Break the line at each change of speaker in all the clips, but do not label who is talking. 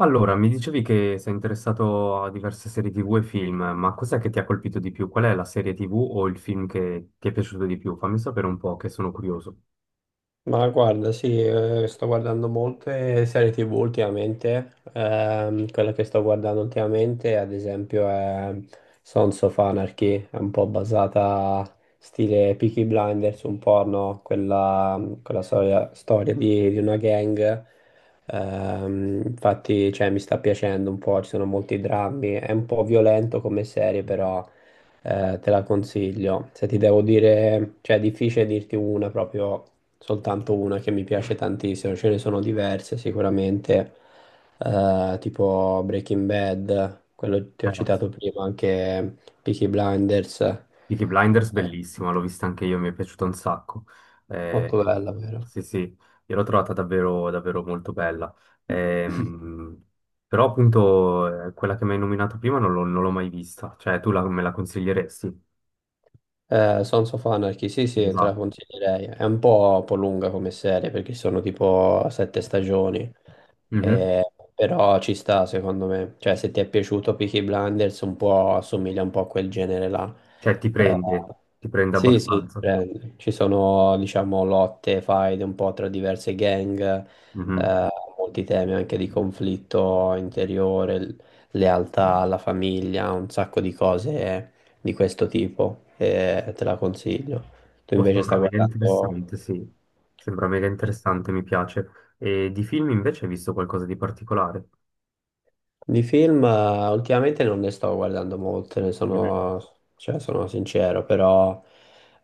Allora, mi dicevi che sei interessato a diverse serie TV e film, ma cos'è che ti ha colpito di più? Qual è la serie TV o il film che ti è piaciuto di più? Fammi sapere un po', che sono curioso.
Ma guarda, sì, sto guardando molte serie TV ultimamente. Quella che sto guardando ultimamente, ad esempio, è Sons of Anarchy, è un po' basata stile Peaky Blinders, un po', no? Quella storia di una gang. Infatti, cioè, mi sta piacendo un po', ci sono molti drammi. È un po' violento come serie, però. Te la consiglio. Se ti devo dire, cioè è difficile dirti una proprio soltanto una che mi piace tantissimo, ce ne sono diverse sicuramente, tipo Breaking Bad, quello che ti ho
Eh,
citato prima, anche Peaky Blinders,
Peaky Blinders, bellissima, l'ho vista anche io, mi è piaciuta un sacco. Eh,
molto bella, vero?
sì, sì, io l'ho trovata davvero, davvero molto bella. Ehm, Però appunto quella che mi hai nominato prima non l'ho mai vista, cioè me la consiglieresti?
Sons of Anarchy, sì, sì, te la
Esatto.
consiglierei. È un po' lunga come serie perché sono tipo 7 stagioni.
Mhm.
Eh, Però ci sta secondo me. Cioè, se ti è piaciuto Peaky Blinders, un po' assomiglia un po' a quel genere là.
Cioè
Eh,
ti prende
sì, sì,
abbastanza.
prende. Ci sono, diciamo, lotte, faide un po' tra diverse gang,
Mhm.
eh, molti temi anche di conflitto interiore, lealtà alla famiglia, un sacco di cose di questo tipo e te la consiglio. Tu
Boh,
invece
sembra
stai
mega
guardando
interessante, sì. Sembra mega interessante, mi piace. E di film invece hai visto qualcosa di particolare?
di film, ultimamente non ne sto guardando molte, ne
Mhm.
sono, cioè, sono sincero, però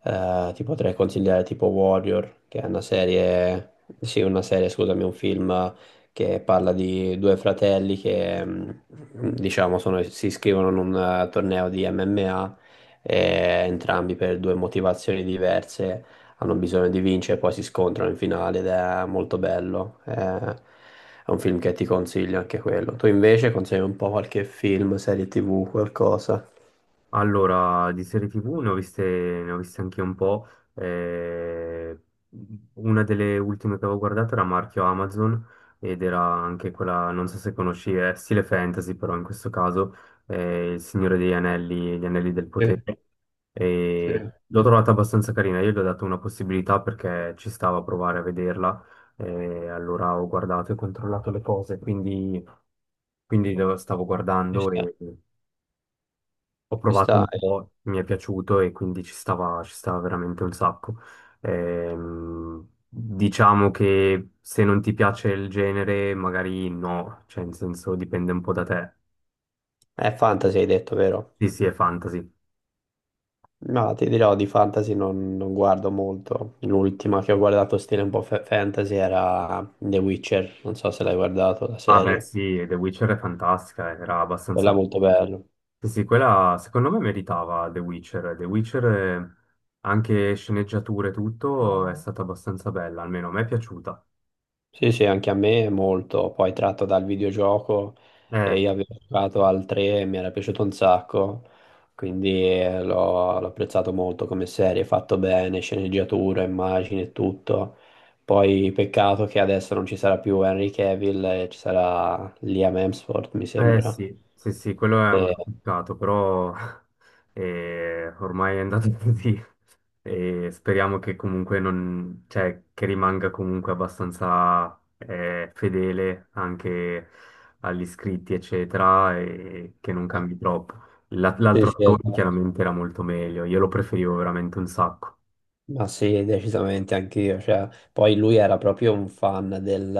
ti potrei consigliare tipo Warrior, che è una serie, sì, una serie, scusami, un film che parla di due fratelli che diciamo si iscrivono in un torneo di MMA, e entrambi per due motivazioni diverse hanno bisogno di vincere, poi si scontrano in finale ed è molto bello. È un film che ti consiglio anche quello. Tu invece consigli un po' qualche film, serie TV, qualcosa.
Allora, di serie TV ne ho viste anche un po'. eh, una delle ultime che avevo guardato era marchio Amazon ed era anche quella, non so se conosci, è stile fantasy, però in questo caso Il Signore degli Anelli, Gli Anelli del Potere. E l'ho trovata abbastanza carina, io gli ho dato una possibilità perché ci stava a provare a vederla. E allora ho guardato e controllato le cose, quindi, quindi lo stavo
Ci
guardando
sta.
e ho
Ci
provato
sta,
un po', mi è piaciuto e quindi ci stava veramente un sacco. Diciamo che se non ti piace il genere, magari no, cioè in senso dipende un po' da te.
è fantasy hai detto, vero?
Sì, sì, è fantasy.
No, ti dirò di fantasy non guardo molto. L'ultima che ho guardato stile un po' fantasy era The Witcher, non so se l'hai guardato la
Ah beh,
serie.
sì, The Witcher è fantastica, era abbastanza...
Quella è molto bella.
Sì, sì, quella secondo me meritava The Witcher. The Witcher, anche sceneggiature e tutto, è stata abbastanza bella, almeno a me è piaciuta.
Sì, sì, anche a me è molto, poi tratto dal videogioco
Eh.
e io avevo giocato al 3 e mi era piaciuto un sacco, quindi l'ho apprezzato molto come serie, fatto bene, sceneggiatura, immagini e tutto. Poi peccato che adesso non ci sarà più Henry Cavill, ci sarà Liam Hemsworth, mi
Eh
sembra.
sì, sì, sì, quello è un
Eh,
bel peccato, però ormai è andato così e speriamo che comunque non, cioè, che rimanga comunque abbastanza fedele anche agli iscritti, eccetera, e che non cambi troppo.
sì,
L'altro
sì,
attore
esatto.
chiaramente era molto meglio, io lo preferivo veramente un sacco.
Ma sì, decisamente anch'io. Cioè, poi lui era proprio un fan del,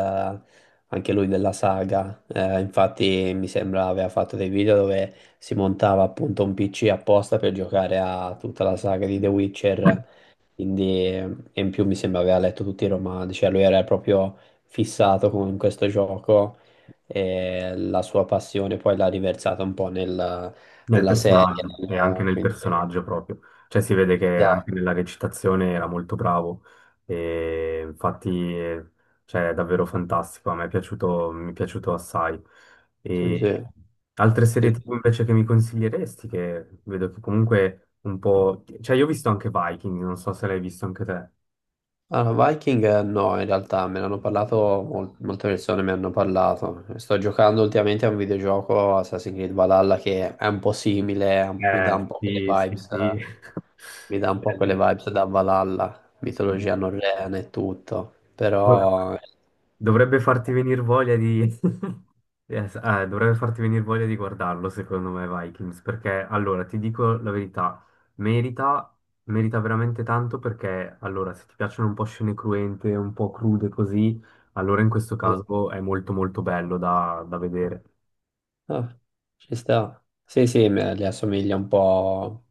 anche lui della saga. Infatti, mi sembra aveva fatto dei video dove si montava appunto un PC apposta per giocare a tutta la saga di The Witcher. Quindi, e in più mi sembra aveva letto tutti i romanzi. Cioè, lui era proprio fissato con questo gioco e la sua passione poi l'ha riversata un po'
Nel
nella serie.
personaggio, e anche nel
Quindi,
personaggio proprio. Cioè si vede che anche
esatto,
nella recitazione era molto bravo e infatti cioè, è davvero fantastico, a me è piaciuto, mi è piaciuto assai.
sì, sì.
E altre serie
Sì,
TV invece che mi consiglieresti, che vedo che comunque un po'... Cioè io ho visto anche Viking, non so se l'hai visto anche te.
allora, Viking no, in realtà me ne hanno parlato, molte persone mi hanno parlato. Sto giocando ultimamente a un videogioco Assassin's Creed Valhalla che è un po' simile,
Sì, sì,
mi dà un po' quelle
sì.
vibes da Valhalla, mitologia norrena e tutto,
Bello.
però.
Dovrebbe farti venire voglia di... Yes, dovrebbe farti venire voglia di guardarlo, secondo me, Vikings, perché allora ti dico la verità, merita, merita veramente tanto perché allora se ti piacciono un po' scene cruente, un po' crude così, allora in questo caso è molto molto bello da, da vedere.
Ah, ci sta. Sì, sì, le assomiglia un po'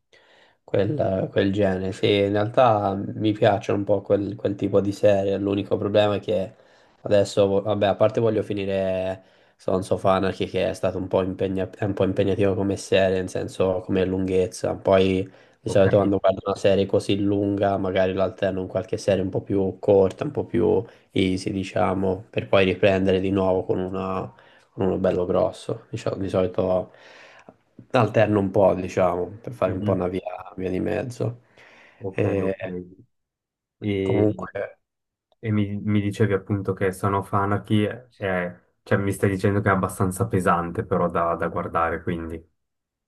quel genere. Sì, in realtà mi piacciono un po' quel tipo di serie. L'unico problema è che adesso, vabbè, a parte voglio finire Sons of Anarchy, che è stato un po' è un po' impegnativo come serie, nel senso come lunghezza. Poi di
Ok?
solito quando guardo una serie così lunga, magari l'alterno in qualche serie un po' più corta, un po' più easy, diciamo, per poi riprendere di nuovo con una uno bello grosso, diciamo. Di solito alterno un po', diciamo, per fare un po'
Mhm.
una via di mezzo.
Ok,
E
ok. E,
comunque.
e mi, mi dicevi appunto che Son of Anarchy è, cioè mi stai dicendo che è abbastanza pesante però da da guardare, quindi.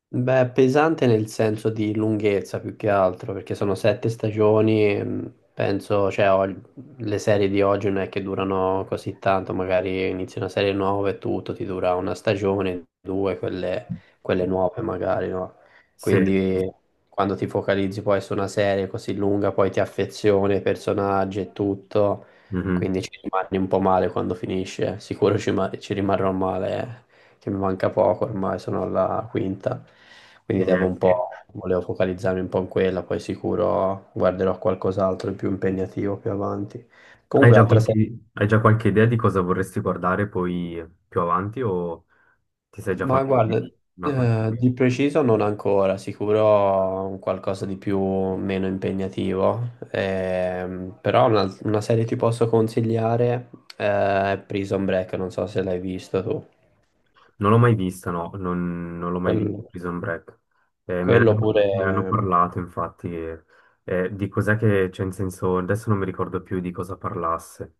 Beh, pesante nel senso di lunghezza più che altro, perché sono 7 stagioni, e, penso, cioè, le serie di oggi non è che durano così tanto, magari inizi una serie nuova e tutto, ti dura una stagione, due, quelle, nuove magari, no?
Sì,
Quindi
sì.
quando ti focalizzi poi su una serie così lunga, poi ti affezioni ai personaggi e tutto,
Mhm.
quindi ci rimani un po' male quando finisce, sicuro ci rimarrò male, che mi manca poco, ormai sono alla quinta, quindi devo un
Sì.
po', volevo focalizzarmi un po' in quella, poi sicuro guarderò qualcos'altro di più impegnativo più avanti. Comunque, altra serie,
Hai già qualche idea di cosa vorresti guardare poi più avanti o ti sei già
ma
fatto
guarda,
una qualche idea?
di preciso non ancora, sicuro un qualcosa di più meno impegnativo, però una serie ti posso consigliare, è Prison Break, non so se l'hai visto tu.
Non l'ho mai vista, no, non, non l'ho mai vista
Quello,
Prison Break.
quello
Me ne hanno
pure
parlato infatti, di cos'è che c'è in senso, adesso non mi ricordo più di cosa parlasse.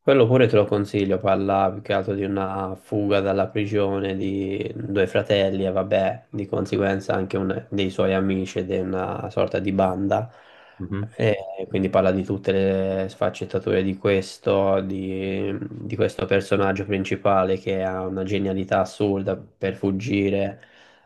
Quello pure te lo consiglio, parla più che altro di una fuga dalla prigione di due fratelli e vabbè, di conseguenza anche dei suoi amici ed è una sorta di banda.
Mhm.
E quindi parla di tutte le sfaccettature di questo personaggio principale che ha una genialità assurda per fuggire,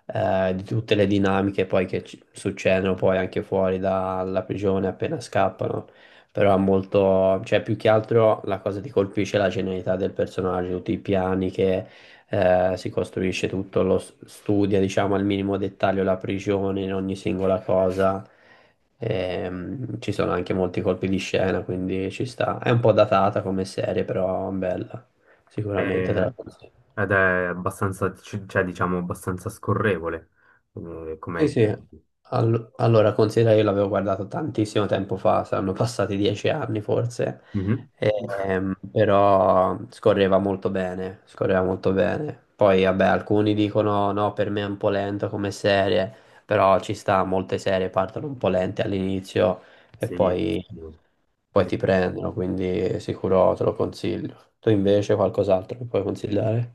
di tutte le dinamiche poi che succedono poi anche fuori dalla prigione appena scappano. Però è molto, cioè più che altro la cosa che ti colpisce è la genialità del personaggio, tutti i piani che si costruisce tutto, lo studia, diciamo, al minimo dettaglio la prigione in ogni singola cosa. Ci sono anche molti colpi di scena, quindi ci sta. È un po' datata come serie, però bella, sicuramente te
Eh,
la consiglio.
Ed è abbastanza, cioè diciamo abbastanza scorrevole,
Sì,
come...
sì. Allora, considera io l'avevo guardato tantissimo tempo fa, saranno passati 10 anni forse.
Mhm.
Però scorreva molto bene, scorreva molto bene. Poi, vabbè, alcuni dicono no, per me è un po' lento come serie, però ci sta, molte serie partono un po' lente all'inizio e
Sì.
poi
Sì.
ti prendono, quindi sicuro te lo consiglio. Tu invece qualcos'altro che puoi consigliare?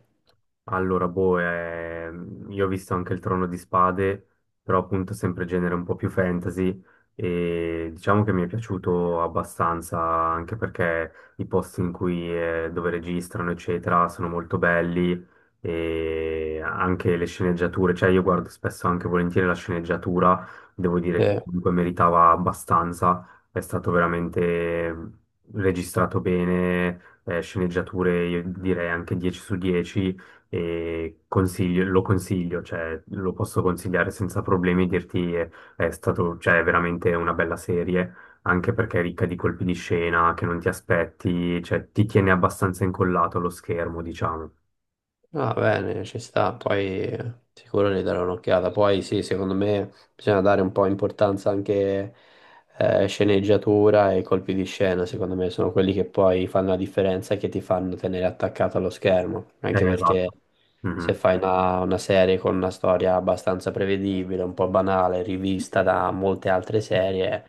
Allora, boh, io ho visto anche il Trono di Spade, però appunto sempre genere un po' più fantasy e diciamo che mi è piaciuto abbastanza anche perché i posti in cui, dove registrano, eccetera, sono molto belli e anche le sceneggiature, cioè io guardo spesso anche volentieri la sceneggiatura, devo dire
Sì.
che comunque meritava abbastanza, è stato veramente ehm, registrato bene, sceneggiature, io direi anche 10 su 10 e lo consiglio, cioè, lo posso consigliare senza problemi, dirti è, stato, cioè, è veramente una bella serie, anche perché è ricca di colpi di scena che non ti aspetti, cioè, ti tiene abbastanza incollato allo schermo, diciamo.
Va bene, ci sta, poi sicuro ne darò un'occhiata. Poi sì, secondo me bisogna dare un po' importanza anche sceneggiatura e colpi di scena, secondo me sono quelli che poi fanno la differenza e che ti fanno tenere attaccato allo schermo, anche
Esatto.
perché se
Mhm.
fai una serie con una storia abbastanza prevedibile, un po' banale, rivista da molte altre serie,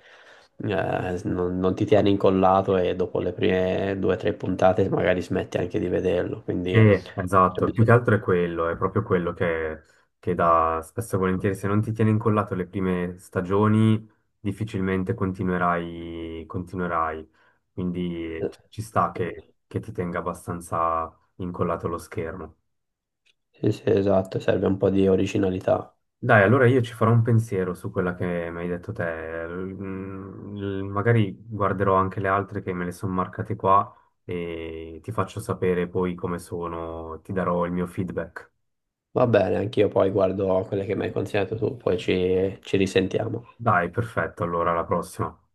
non ti tieni incollato e dopo le prime due o tre puntate magari smetti anche di vederlo, quindi...
Esatto, più che altro è quello, è proprio quello che dà spesso e volentieri, se non ti tiene incollato le prime stagioni, difficilmente continuerai, continuerai. Quindi
Sì,
ci ci sta che ti tenga abbastanza incollato lo schermo.
sì, esatto, serve un po' di originalità.
Dai, allora io ci farò un pensiero su quella che mi hai detto te. Mm, magari guarderò anche le altre che me le sono marcate qua e ti faccio sapere poi come sono, ti darò il mio feedback.
Va bene, anch'io poi guardo quelle che mi hai consigliato tu, poi ci risentiamo.
Dai, perfetto, allora alla prossima.